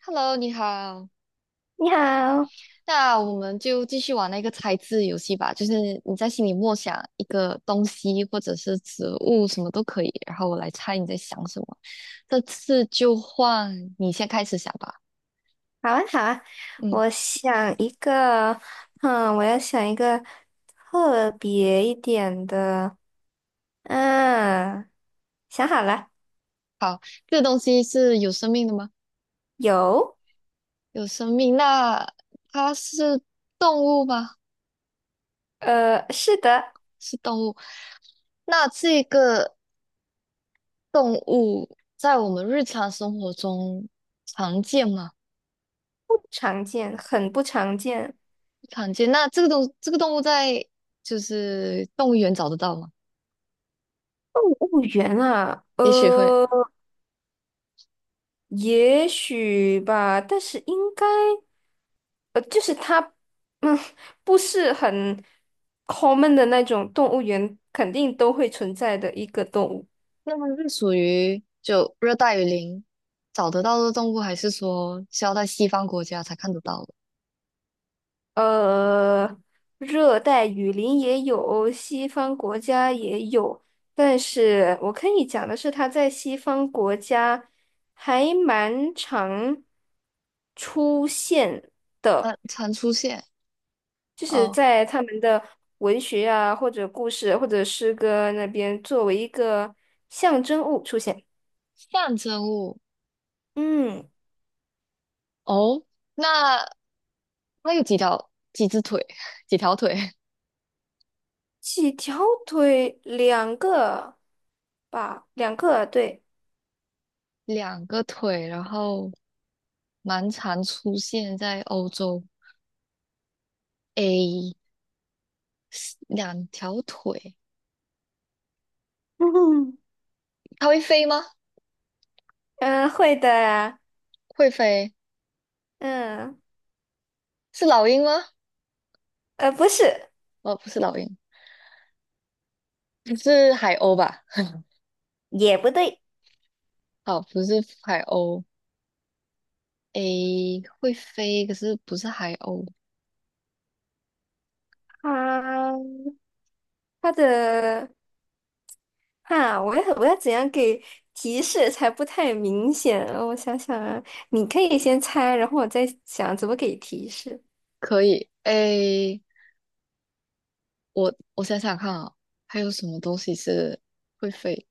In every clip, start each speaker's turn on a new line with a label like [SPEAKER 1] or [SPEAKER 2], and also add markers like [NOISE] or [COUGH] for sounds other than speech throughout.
[SPEAKER 1] Hello，你好。
[SPEAKER 2] 你好。
[SPEAKER 1] 那我们就继续玩那个猜字游戏吧，就是你在心里默想一个东西或者是植物，什么都可以，然后我来猜你在想什么。这次就换你先开始想吧。
[SPEAKER 2] 好啊，好啊。
[SPEAKER 1] 嗯，
[SPEAKER 2] 我想一个，我要想一个特别一点的。嗯，想好了。
[SPEAKER 1] 好，这个东西是有生命的吗？
[SPEAKER 2] 有。
[SPEAKER 1] 有生命，那它是动物吗？
[SPEAKER 2] 是的。
[SPEAKER 1] 是动物。那这个动物在我们日常生活中常见吗？
[SPEAKER 2] 不常见，很不常见。
[SPEAKER 1] 常见。那这个东这个动物在就是动物园找得到吗？
[SPEAKER 2] 动物园啊，
[SPEAKER 1] 也许会。
[SPEAKER 2] 也许吧，但是应该，就是它，嗯，不是很 common 的那种动物园，肯定都会存在的一个动物。
[SPEAKER 1] 那么是属于就热带雨林找得到的动物，还是说是要在西方国家才看得到的？
[SPEAKER 2] 呃，热带雨林也有，西方国家也有，但是我可以讲的是，它在西方国家还蛮常出现，
[SPEAKER 1] 那常出现
[SPEAKER 2] 就是
[SPEAKER 1] 哦，
[SPEAKER 2] 在他们的文学啊，或者故事或者诗歌那边作为一个象征物出现。
[SPEAKER 1] 象征物
[SPEAKER 2] 嗯，
[SPEAKER 1] 哦。那它有几条几只腿？[LAUGHS] 几条腿？[LAUGHS]
[SPEAKER 2] 几条腿，两个吧，两个，对。
[SPEAKER 1] 两个腿，然后蛮常出现在欧洲。诶，两条腿，
[SPEAKER 2] [LAUGHS]
[SPEAKER 1] 它会飞吗？
[SPEAKER 2] 嗯，会的啊。
[SPEAKER 1] 会飞，
[SPEAKER 2] 嗯。
[SPEAKER 1] 是老鹰吗？
[SPEAKER 2] 不是。
[SPEAKER 1] 哦，不是老鹰，是海鸥吧？
[SPEAKER 2] 也不对。
[SPEAKER 1] 好，不是海鸥。诶，会飞，可是不是海鸥。
[SPEAKER 2] 它它的哈，我要怎样给提示才不太明显？我想想啊，你可以先猜，然后我再想怎么给提示。
[SPEAKER 1] 可以。诶，我想想看啊，还有什么东西是会飞？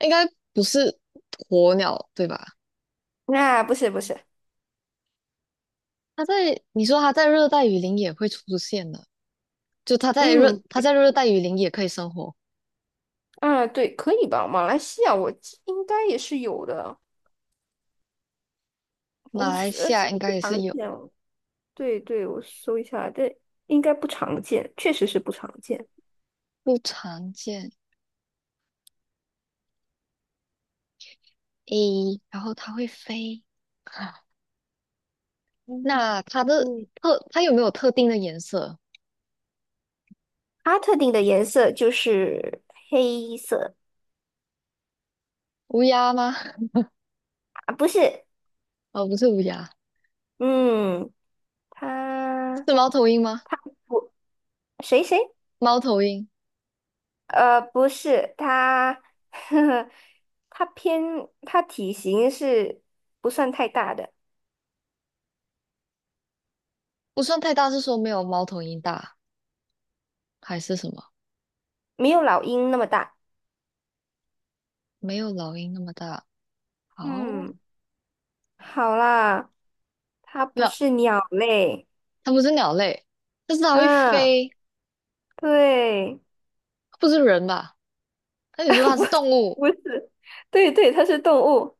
[SPEAKER 1] 应该不是鸵鸟，对吧？
[SPEAKER 2] 啊，不是不是。
[SPEAKER 1] 它在，你说它在热带雨林也会出现的，就它在热，
[SPEAKER 2] 嗯，
[SPEAKER 1] 它在
[SPEAKER 2] 对。
[SPEAKER 1] 热带雨林也可以生活。
[SPEAKER 2] 啊，对，可以吧？马来西亚我记应该也是有的。
[SPEAKER 1] 马来西
[SPEAKER 2] 是
[SPEAKER 1] 亚
[SPEAKER 2] 不
[SPEAKER 1] 应
[SPEAKER 2] 是
[SPEAKER 1] 该
[SPEAKER 2] 不
[SPEAKER 1] 也是
[SPEAKER 2] 常
[SPEAKER 1] 有，
[SPEAKER 2] 见哦？对对，我搜一下，对，应该不常见，确实是不常见。
[SPEAKER 1] 不常见。诶，然后它会飞。[LAUGHS]
[SPEAKER 2] 嗯嗯，
[SPEAKER 1] 那它的特，它有没有特定的颜色？
[SPEAKER 2] 它特定的颜色就是黑色。
[SPEAKER 1] 乌鸦吗？[LAUGHS]
[SPEAKER 2] 啊，不是。
[SPEAKER 1] 哦，不是乌鸦，
[SPEAKER 2] 嗯，他
[SPEAKER 1] 是猫头鹰吗？
[SPEAKER 2] 他不谁谁，
[SPEAKER 1] 猫头鹰
[SPEAKER 2] 呃，不是他。[LAUGHS] 呵呵。他偏他体型是不算太大的，
[SPEAKER 1] 不算太大，是说没有猫头鹰大，还是什么？
[SPEAKER 2] 没有老鹰那么大。
[SPEAKER 1] 没有老鹰那么大。好，
[SPEAKER 2] 嗯，好啦，它不
[SPEAKER 1] 那
[SPEAKER 2] 是鸟类。
[SPEAKER 1] 它不是鸟类，但是它会
[SPEAKER 2] 啊，
[SPEAKER 1] 飞，
[SPEAKER 2] 对。
[SPEAKER 1] 不是人吧？那你说
[SPEAKER 2] [LAUGHS]
[SPEAKER 1] 它
[SPEAKER 2] 不
[SPEAKER 1] 是动物？
[SPEAKER 2] 不是，对对，它是动物。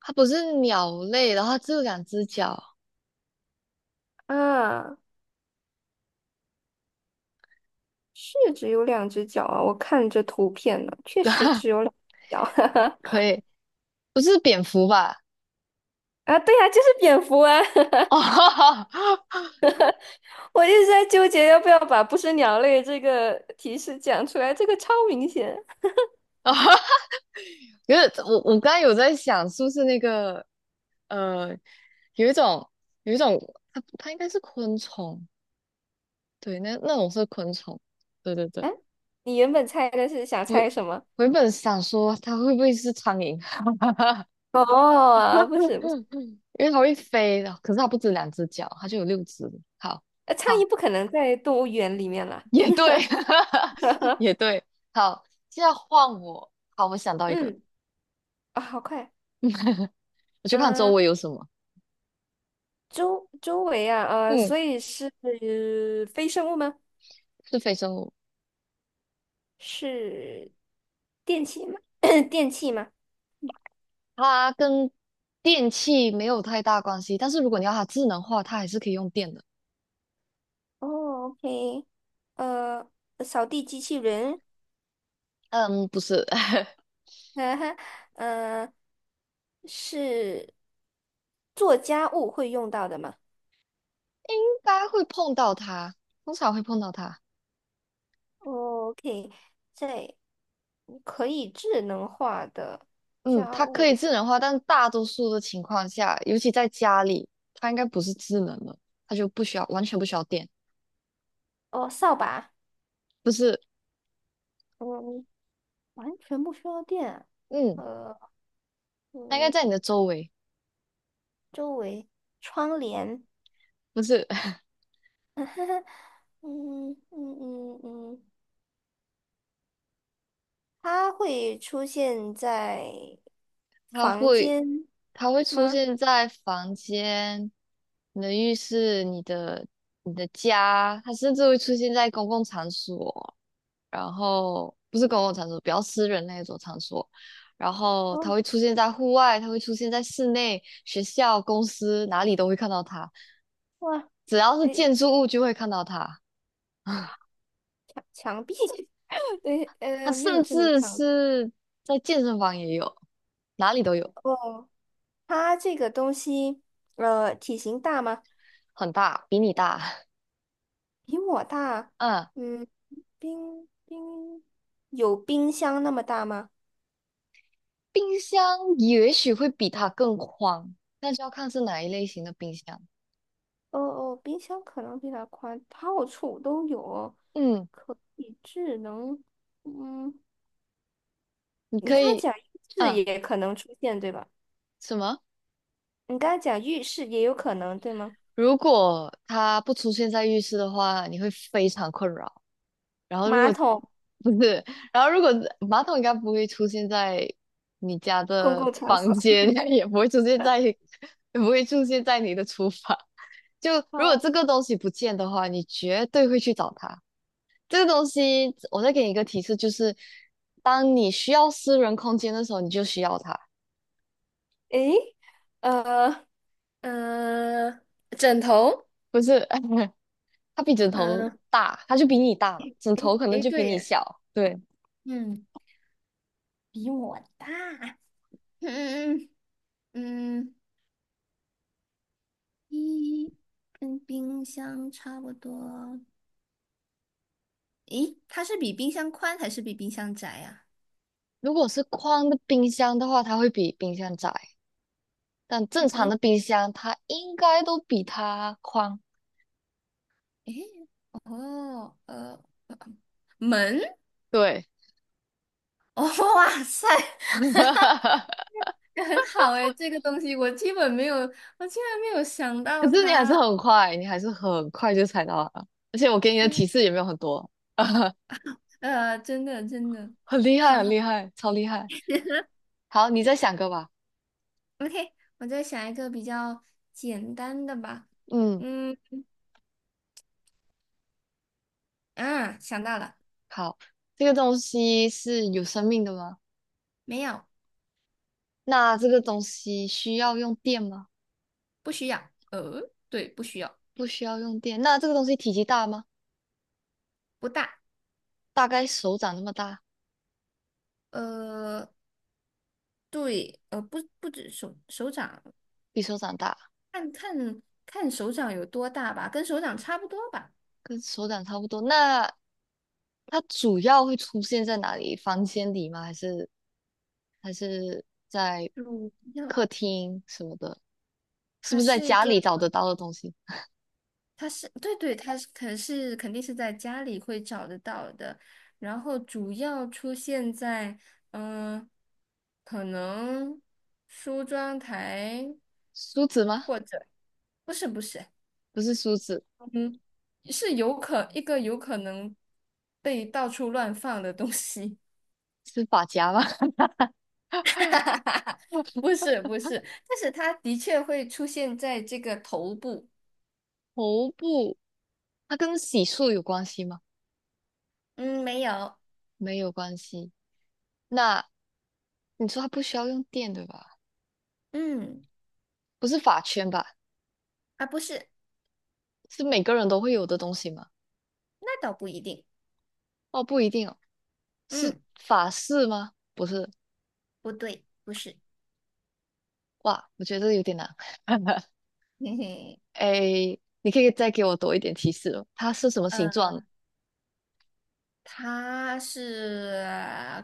[SPEAKER 1] 它不是鸟类，然后它只有两只脚，
[SPEAKER 2] 啊，是只有两只脚啊，我看着图片呢，确实只有
[SPEAKER 1] [LAUGHS]
[SPEAKER 2] 两只脚。
[SPEAKER 1] 可
[SPEAKER 2] [LAUGHS]
[SPEAKER 1] 以，不是蝙蝠吧？
[SPEAKER 2] 啊，对啊，就是蝙蝠啊。
[SPEAKER 1] [LAUGHS] 哦，
[SPEAKER 2] 我一直在纠结要不要把“不是鸟类”这个提示讲出来，这个超明显。
[SPEAKER 1] 可是我刚才有在想，是不是那个？呃，有一种有一种，它应该是昆虫，对，那那种是昆虫，对对对，
[SPEAKER 2] 哎，你原本猜的是想
[SPEAKER 1] 我
[SPEAKER 2] 猜什么？
[SPEAKER 1] 我原本想说它会不会是苍蝇，
[SPEAKER 2] 哦，不是不是。
[SPEAKER 1] [LAUGHS] 因为它会飞的，可是它不止两只脚，它就有六只。好，
[SPEAKER 2] 苍
[SPEAKER 1] 好，
[SPEAKER 2] 蝇不可能在动物园里面啦。
[SPEAKER 1] 也对，[LAUGHS] 也
[SPEAKER 2] [LAUGHS]
[SPEAKER 1] 对，好，现在换我，好，我想到一个，
[SPEAKER 2] 嗯。啊、好快。
[SPEAKER 1] 我去看周
[SPEAKER 2] 嗯、
[SPEAKER 1] 围有什么，
[SPEAKER 2] 周围啊，
[SPEAKER 1] 嗯，
[SPEAKER 2] 所以是非生物吗？
[SPEAKER 1] 是非生物，
[SPEAKER 2] 是电器吗？[COUGHS] [CLEARS THROAT] 电器吗？
[SPEAKER 1] 它跟电器没有太大关系，但是如果你要它智能化，它还是可以用电的。
[SPEAKER 2] 哦，OK，呃，扫地机器人。
[SPEAKER 1] 嗯，不是，[LAUGHS]
[SPEAKER 2] [LAUGHS] 哈哈。呃，是做家务会用到的吗
[SPEAKER 1] 应该会碰到它，通常会碰到它。
[SPEAKER 2] ？OK，在可以智能化的
[SPEAKER 1] 嗯，它
[SPEAKER 2] 家
[SPEAKER 1] 可以
[SPEAKER 2] 务
[SPEAKER 1] 智能化，但大多数的情况下，尤其在家里，它应该不是智能的，它就不需要，完全不需要电。
[SPEAKER 2] 哦，扫把。
[SPEAKER 1] 不是，
[SPEAKER 2] 嗯，完全不需要电啊
[SPEAKER 1] 嗯，它应该
[SPEAKER 2] 嗯，
[SPEAKER 1] 在你的周围，
[SPEAKER 2] 周围窗帘。
[SPEAKER 1] 不是，[LAUGHS]
[SPEAKER 2] 嗯嗯嗯嗯，它会出现在
[SPEAKER 1] 它
[SPEAKER 2] 房
[SPEAKER 1] 会，
[SPEAKER 2] 间
[SPEAKER 1] 它会出
[SPEAKER 2] 吗？
[SPEAKER 1] 现在房间、你的浴室、你的、你的家，它甚至会出现在公共场所。然后不是公共场所，比较私人那一种场所，然后它
[SPEAKER 2] 哦，
[SPEAKER 1] 会出现在户外，它会出现在室内、学校、公司哪里都会看到它，
[SPEAKER 2] 哇，
[SPEAKER 1] 只要是
[SPEAKER 2] 对，
[SPEAKER 1] 建筑物就会看到它，
[SPEAKER 2] 墙壁。[LAUGHS] 对，
[SPEAKER 1] 它
[SPEAKER 2] 没有
[SPEAKER 1] 甚
[SPEAKER 2] 智能
[SPEAKER 1] 至
[SPEAKER 2] 墙
[SPEAKER 1] 是在健身房也有，哪里都有，
[SPEAKER 2] 哦，它这个东西，体型大吗？
[SPEAKER 1] 很大，比你大。
[SPEAKER 2] 比我大。
[SPEAKER 1] [LAUGHS] 嗯，
[SPEAKER 2] 嗯，冰冰有冰箱那么大吗？
[SPEAKER 1] 冰箱也许会比它更宽，那就要看是哪一类型的冰箱。
[SPEAKER 2] 哦哦，冰箱可能比它宽，到处都有。
[SPEAKER 1] 嗯，
[SPEAKER 2] 可以智能。嗯，
[SPEAKER 1] 你
[SPEAKER 2] 你
[SPEAKER 1] 可
[SPEAKER 2] 刚才
[SPEAKER 1] 以，
[SPEAKER 2] 讲浴室
[SPEAKER 1] 嗯，
[SPEAKER 2] 也可能出现，对吧？
[SPEAKER 1] 什么？
[SPEAKER 2] 你刚才讲浴室也有可能，对吗？
[SPEAKER 1] 如果它不出现在浴室的话，你会非常困扰。然后如
[SPEAKER 2] 马
[SPEAKER 1] 果
[SPEAKER 2] 桶。
[SPEAKER 1] 不是，然后如果马桶应该不会出现在你家
[SPEAKER 2] 公
[SPEAKER 1] 的
[SPEAKER 2] 共场
[SPEAKER 1] 房
[SPEAKER 2] 所。
[SPEAKER 1] 间，
[SPEAKER 2] [LAUGHS]
[SPEAKER 1] [LAUGHS] 也不会出现在，也不会出现在你的厨房。就如果
[SPEAKER 2] 好。
[SPEAKER 1] 这个东西不见的话，你绝对会去找它。这个东西，我再给你一个提示，就是当你需要私人空间的时候，你就需要它。
[SPEAKER 2] 诶，呃，嗯，枕头。
[SPEAKER 1] 不是，[LAUGHS] 它比枕头
[SPEAKER 2] 嗯，
[SPEAKER 1] 大，它就比你大嘛，枕头
[SPEAKER 2] 诶
[SPEAKER 1] 可能
[SPEAKER 2] 诶，
[SPEAKER 1] 就比
[SPEAKER 2] 对
[SPEAKER 1] 你
[SPEAKER 2] 耶。
[SPEAKER 1] 小。对，
[SPEAKER 2] 嗯，比我大。嗯嗯。一跟冰箱差不多。诶，它是比冰箱宽还是比冰箱窄呀、
[SPEAKER 1] 如果是宽的冰箱的话，它会比冰箱窄，但正
[SPEAKER 2] 比
[SPEAKER 1] 常
[SPEAKER 2] 冰，
[SPEAKER 1] 的冰箱它应该都比它宽。
[SPEAKER 2] 诶，哦，门。
[SPEAKER 1] 对，
[SPEAKER 2] 哦，哇塞。
[SPEAKER 1] [LAUGHS] 可
[SPEAKER 2] [LAUGHS] 很好诶，这个东西我基本没有，我竟然没有想到
[SPEAKER 1] 是你还是
[SPEAKER 2] 它。
[SPEAKER 1] 很快，你还是很快就猜到了，而且我给你的
[SPEAKER 2] 嗯
[SPEAKER 1] 提示也没有很多，[LAUGHS]
[SPEAKER 2] 真的真的。
[SPEAKER 1] 很厉害，
[SPEAKER 2] 好
[SPEAKER 1] 很
[SPEAKER 2] 好
[SPEAKER 1] 厉害，超厉害。好，你再想个吧。
[SPEAKER 2] ，OK，我再想一个比较简单的吧。
[SPEAKER 1] 嗯，
[SPEAKER 2] 嗯想到了。
[SPEAKER 1] 好，这个东西是有生命的吗？
[SPEAKER 2] 没有。
[SPEAKER 1] 那这个东西需要用电吗？
[SPEAKER 2] 不需要。对，不需要。
[SPEAKER 1] 不需要用电。那这个东西体积大吗？
[SPEAKER 2] 不大。
[SPEAKER 1] 大概手掌那么大，
[SPEAKER 2] 呃，对，不，不止手掌，
[SPEAKER 1] 比手掌大。
[SPEAKER 2] 看看手掌有多大吧，跟手掌差不多吧。
[SPEAKER 1] 跟手掌差不多。那它主要会出现在哪里？房间里吗？还是还是在
[SPEAKER 2] 主要
[SPEAKER 1] 客厅什么的？是
[SPEAKER 2] 它
[SPEAKER 1] 不是在
[SPEAKER 2] 是一
[SPEAKER 1] 家
[SPEAKER 2] 个，
[SPEAKER 1] 里找得到的东西？
[SPEAKER 2] 它是对对。它是肯定是在家里会找得到的，然后主要出现在嗯、呃可能梳妆台，
[SPEAKER 1] 梳子吗？
[SPEAKER 2] 或者不是不是，
[SPEAKER 1] 不是梳子，
[SPEAKER 2] 是有可一个有可能被到处乱放的东西。
[SPEAKER 1] 是发夹吗？[LAUGHS]
[SPEAKER 2] [LAUGHS] 不是不是，但是它的确会出现在这个头部。
[SPEAKER 1] 头部，它跟洗漱有关系吗？
[SPEAKER 2] 嗯，没有。
[SPEAKER 1] 没有关系。那你说它不需要用电，对吧？
[SPEAKER 2] 嗯，
[SPEAKER 1] 不是发圈吧？
[SPEAKER 2] 啊，不是。
[SPEAKER 1] 是每个人都会有的东西吗？
[SPEAKER 2] 那倒不一定。
[SPEAKER 1] 哦，不一定哦，是
[SPEAKER 2] 嗯，
[SPEAKER 1] 发饰吗？不是，
[SPEAKER 2] 不对，不是。
[SPEAKER 1] 哇，我觉得有点难。[LAUGHS]
[SPEAKER 2] [LAUGHS] 嘿嘿。
[SPEAKER 1] 哎，你可以再给我多一点提示哦。它是什么形
[SPEAKER 2] 嗯。
[SPEAKER 1] 状？
[SPEAKER 2] 它是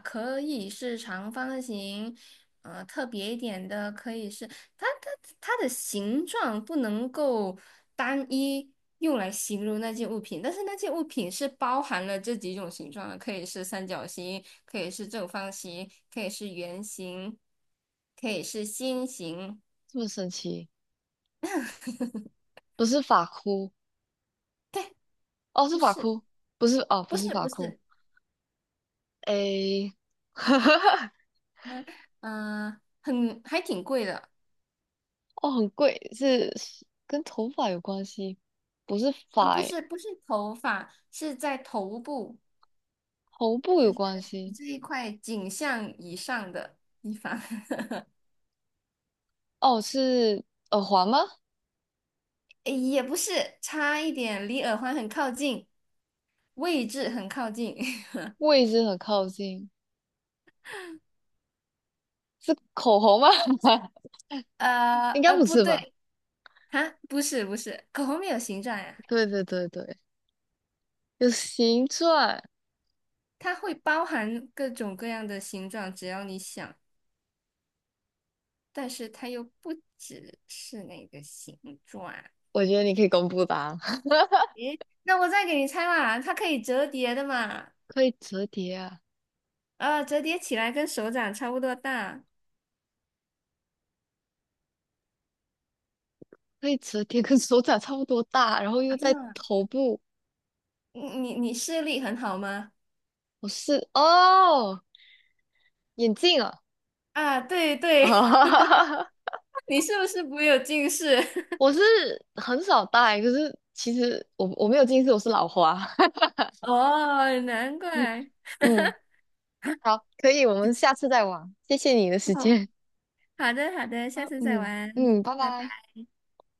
[SPEAKER 2] 可以是长方形，特别一点的可以是它它它的形状不能够单一用来形容那件物品，但是那件物品是包含了这几种形状的，可以是三角形，可以是正方形，可以是圆形，可以是心形。
[SPEAKER 1] 这么神奇？
[SPEAKER 2] [LAUGHS]
[SPEAKER 1] 不是发箍，
[SPEAKER 2] 对，
[SPEAKER 1] 哦，是
[SPEAKER 2] 不
[SPEAKER 1] 发
[SPEAKER 2] 是，
[SPEAKER 1] 箍，不是哦，不
[SPEAKER 2] 不
[SPEAKER 1] 是
[SPEAKER 2] 是，
[SPEAKER 1] 发
[SPEAKER 2] 不
[SPEAKER 1] 箍。
[SPEAKER 2] 是。
[SPEAKER 1] 哎，[LAUGHS]
[SPEAKER 2] 嗯很还挺贵的。
[SPEAKER 1] 哦，很贵，是是跟头发有关系，不是
[SPEAKER 2] 啊，
[SPEAKER 1] 发
[SPEAKER 2] 不
[SPEAKER 1] 诶，
[SPEAKER 2] 是不是头发，是在头部，
[SPEAKER 1] 头部有
[SPEAKER 2] 就是
[SPEAKER 1] 关
[SPEAKER 2] 你
[SPEAKER 1] 系。
[SPEAKER 2] 这一块颈项以上的地方。[LAUGHS]
[SPEAKER 1] 哦，是耳环吗？
[SPEAKER 2] 诶，也不是，差一点，离耳环很靠近，位置很靠近。[LAUGHS]
[SPEAKER 1] 位置很靠近，是口红吗？[LAUGHS] 应该不
[SPEAKER 2] 不
[SPEAKER 1] 是
[SPEAKER 2] 对。
[SPEAKER 1] 吧？
[SPEAKER 2] 啊，不是不是，口红没有形状呀。
[SPEAKER 1] 对对对对，有形状。
[SPEAKER 2] 它会包含各种各样的形状，只要你想，但是它又不只是那个形状啊。
[SPEAKER 1] 我觉得你可以公布答案，
[SPEAKER 2] 诶，那我再给你猜嘛，它可以折叠的嘛。
[SPEAKER 1] [LAUGHS] 可以折叠啊。
[SPEAKER 2] 啊，折叠起来跟手掌差不多大。
[SPEAKER 1] 可以折叠，跟手掌差不多大，然后又在
[SPEAKER 2] 啊，
[SPEAKER 1] 头部。
[SPEAKER 2] 你视力很好吗？
[SPEAKER 1] 我是哦，眼镜啊，
[SPEAKER 2] 啊，对
[SPEAKER 1] [LAUGHS]
[SPEAKER 2] 对。
[SPEAKER 1] 啊，
[SPEAKER 2] [LAUGHS] 你是不是不有近视？
[SPEAKER 1] 我是很少戴，可是其实我没有近视，我是老花。
[SPEAKER 2] [LAUGHS] 哦，难怪。
[SPEAKER 1] [LAUGHS] 嗯，好，可以，我们下次再玩。谢谢你的时
[SPEAKER 2] 哦，
[SPEAKER 1] 间。
[SPEAKER 2] 好的好的，
[SPEAKER 1] [LAUGHS]
[SPEAKER 2] 下
[SPEAKER 1] 啊，
[SPEAKER 2] 次再
[SPEAKER 1] 嗯
[SPEAKER 2] 玩。
[SPEAKER 1] 嗯，拜
[SPEAKER 2] 拜拜。
[SPEAKER 1] 拜。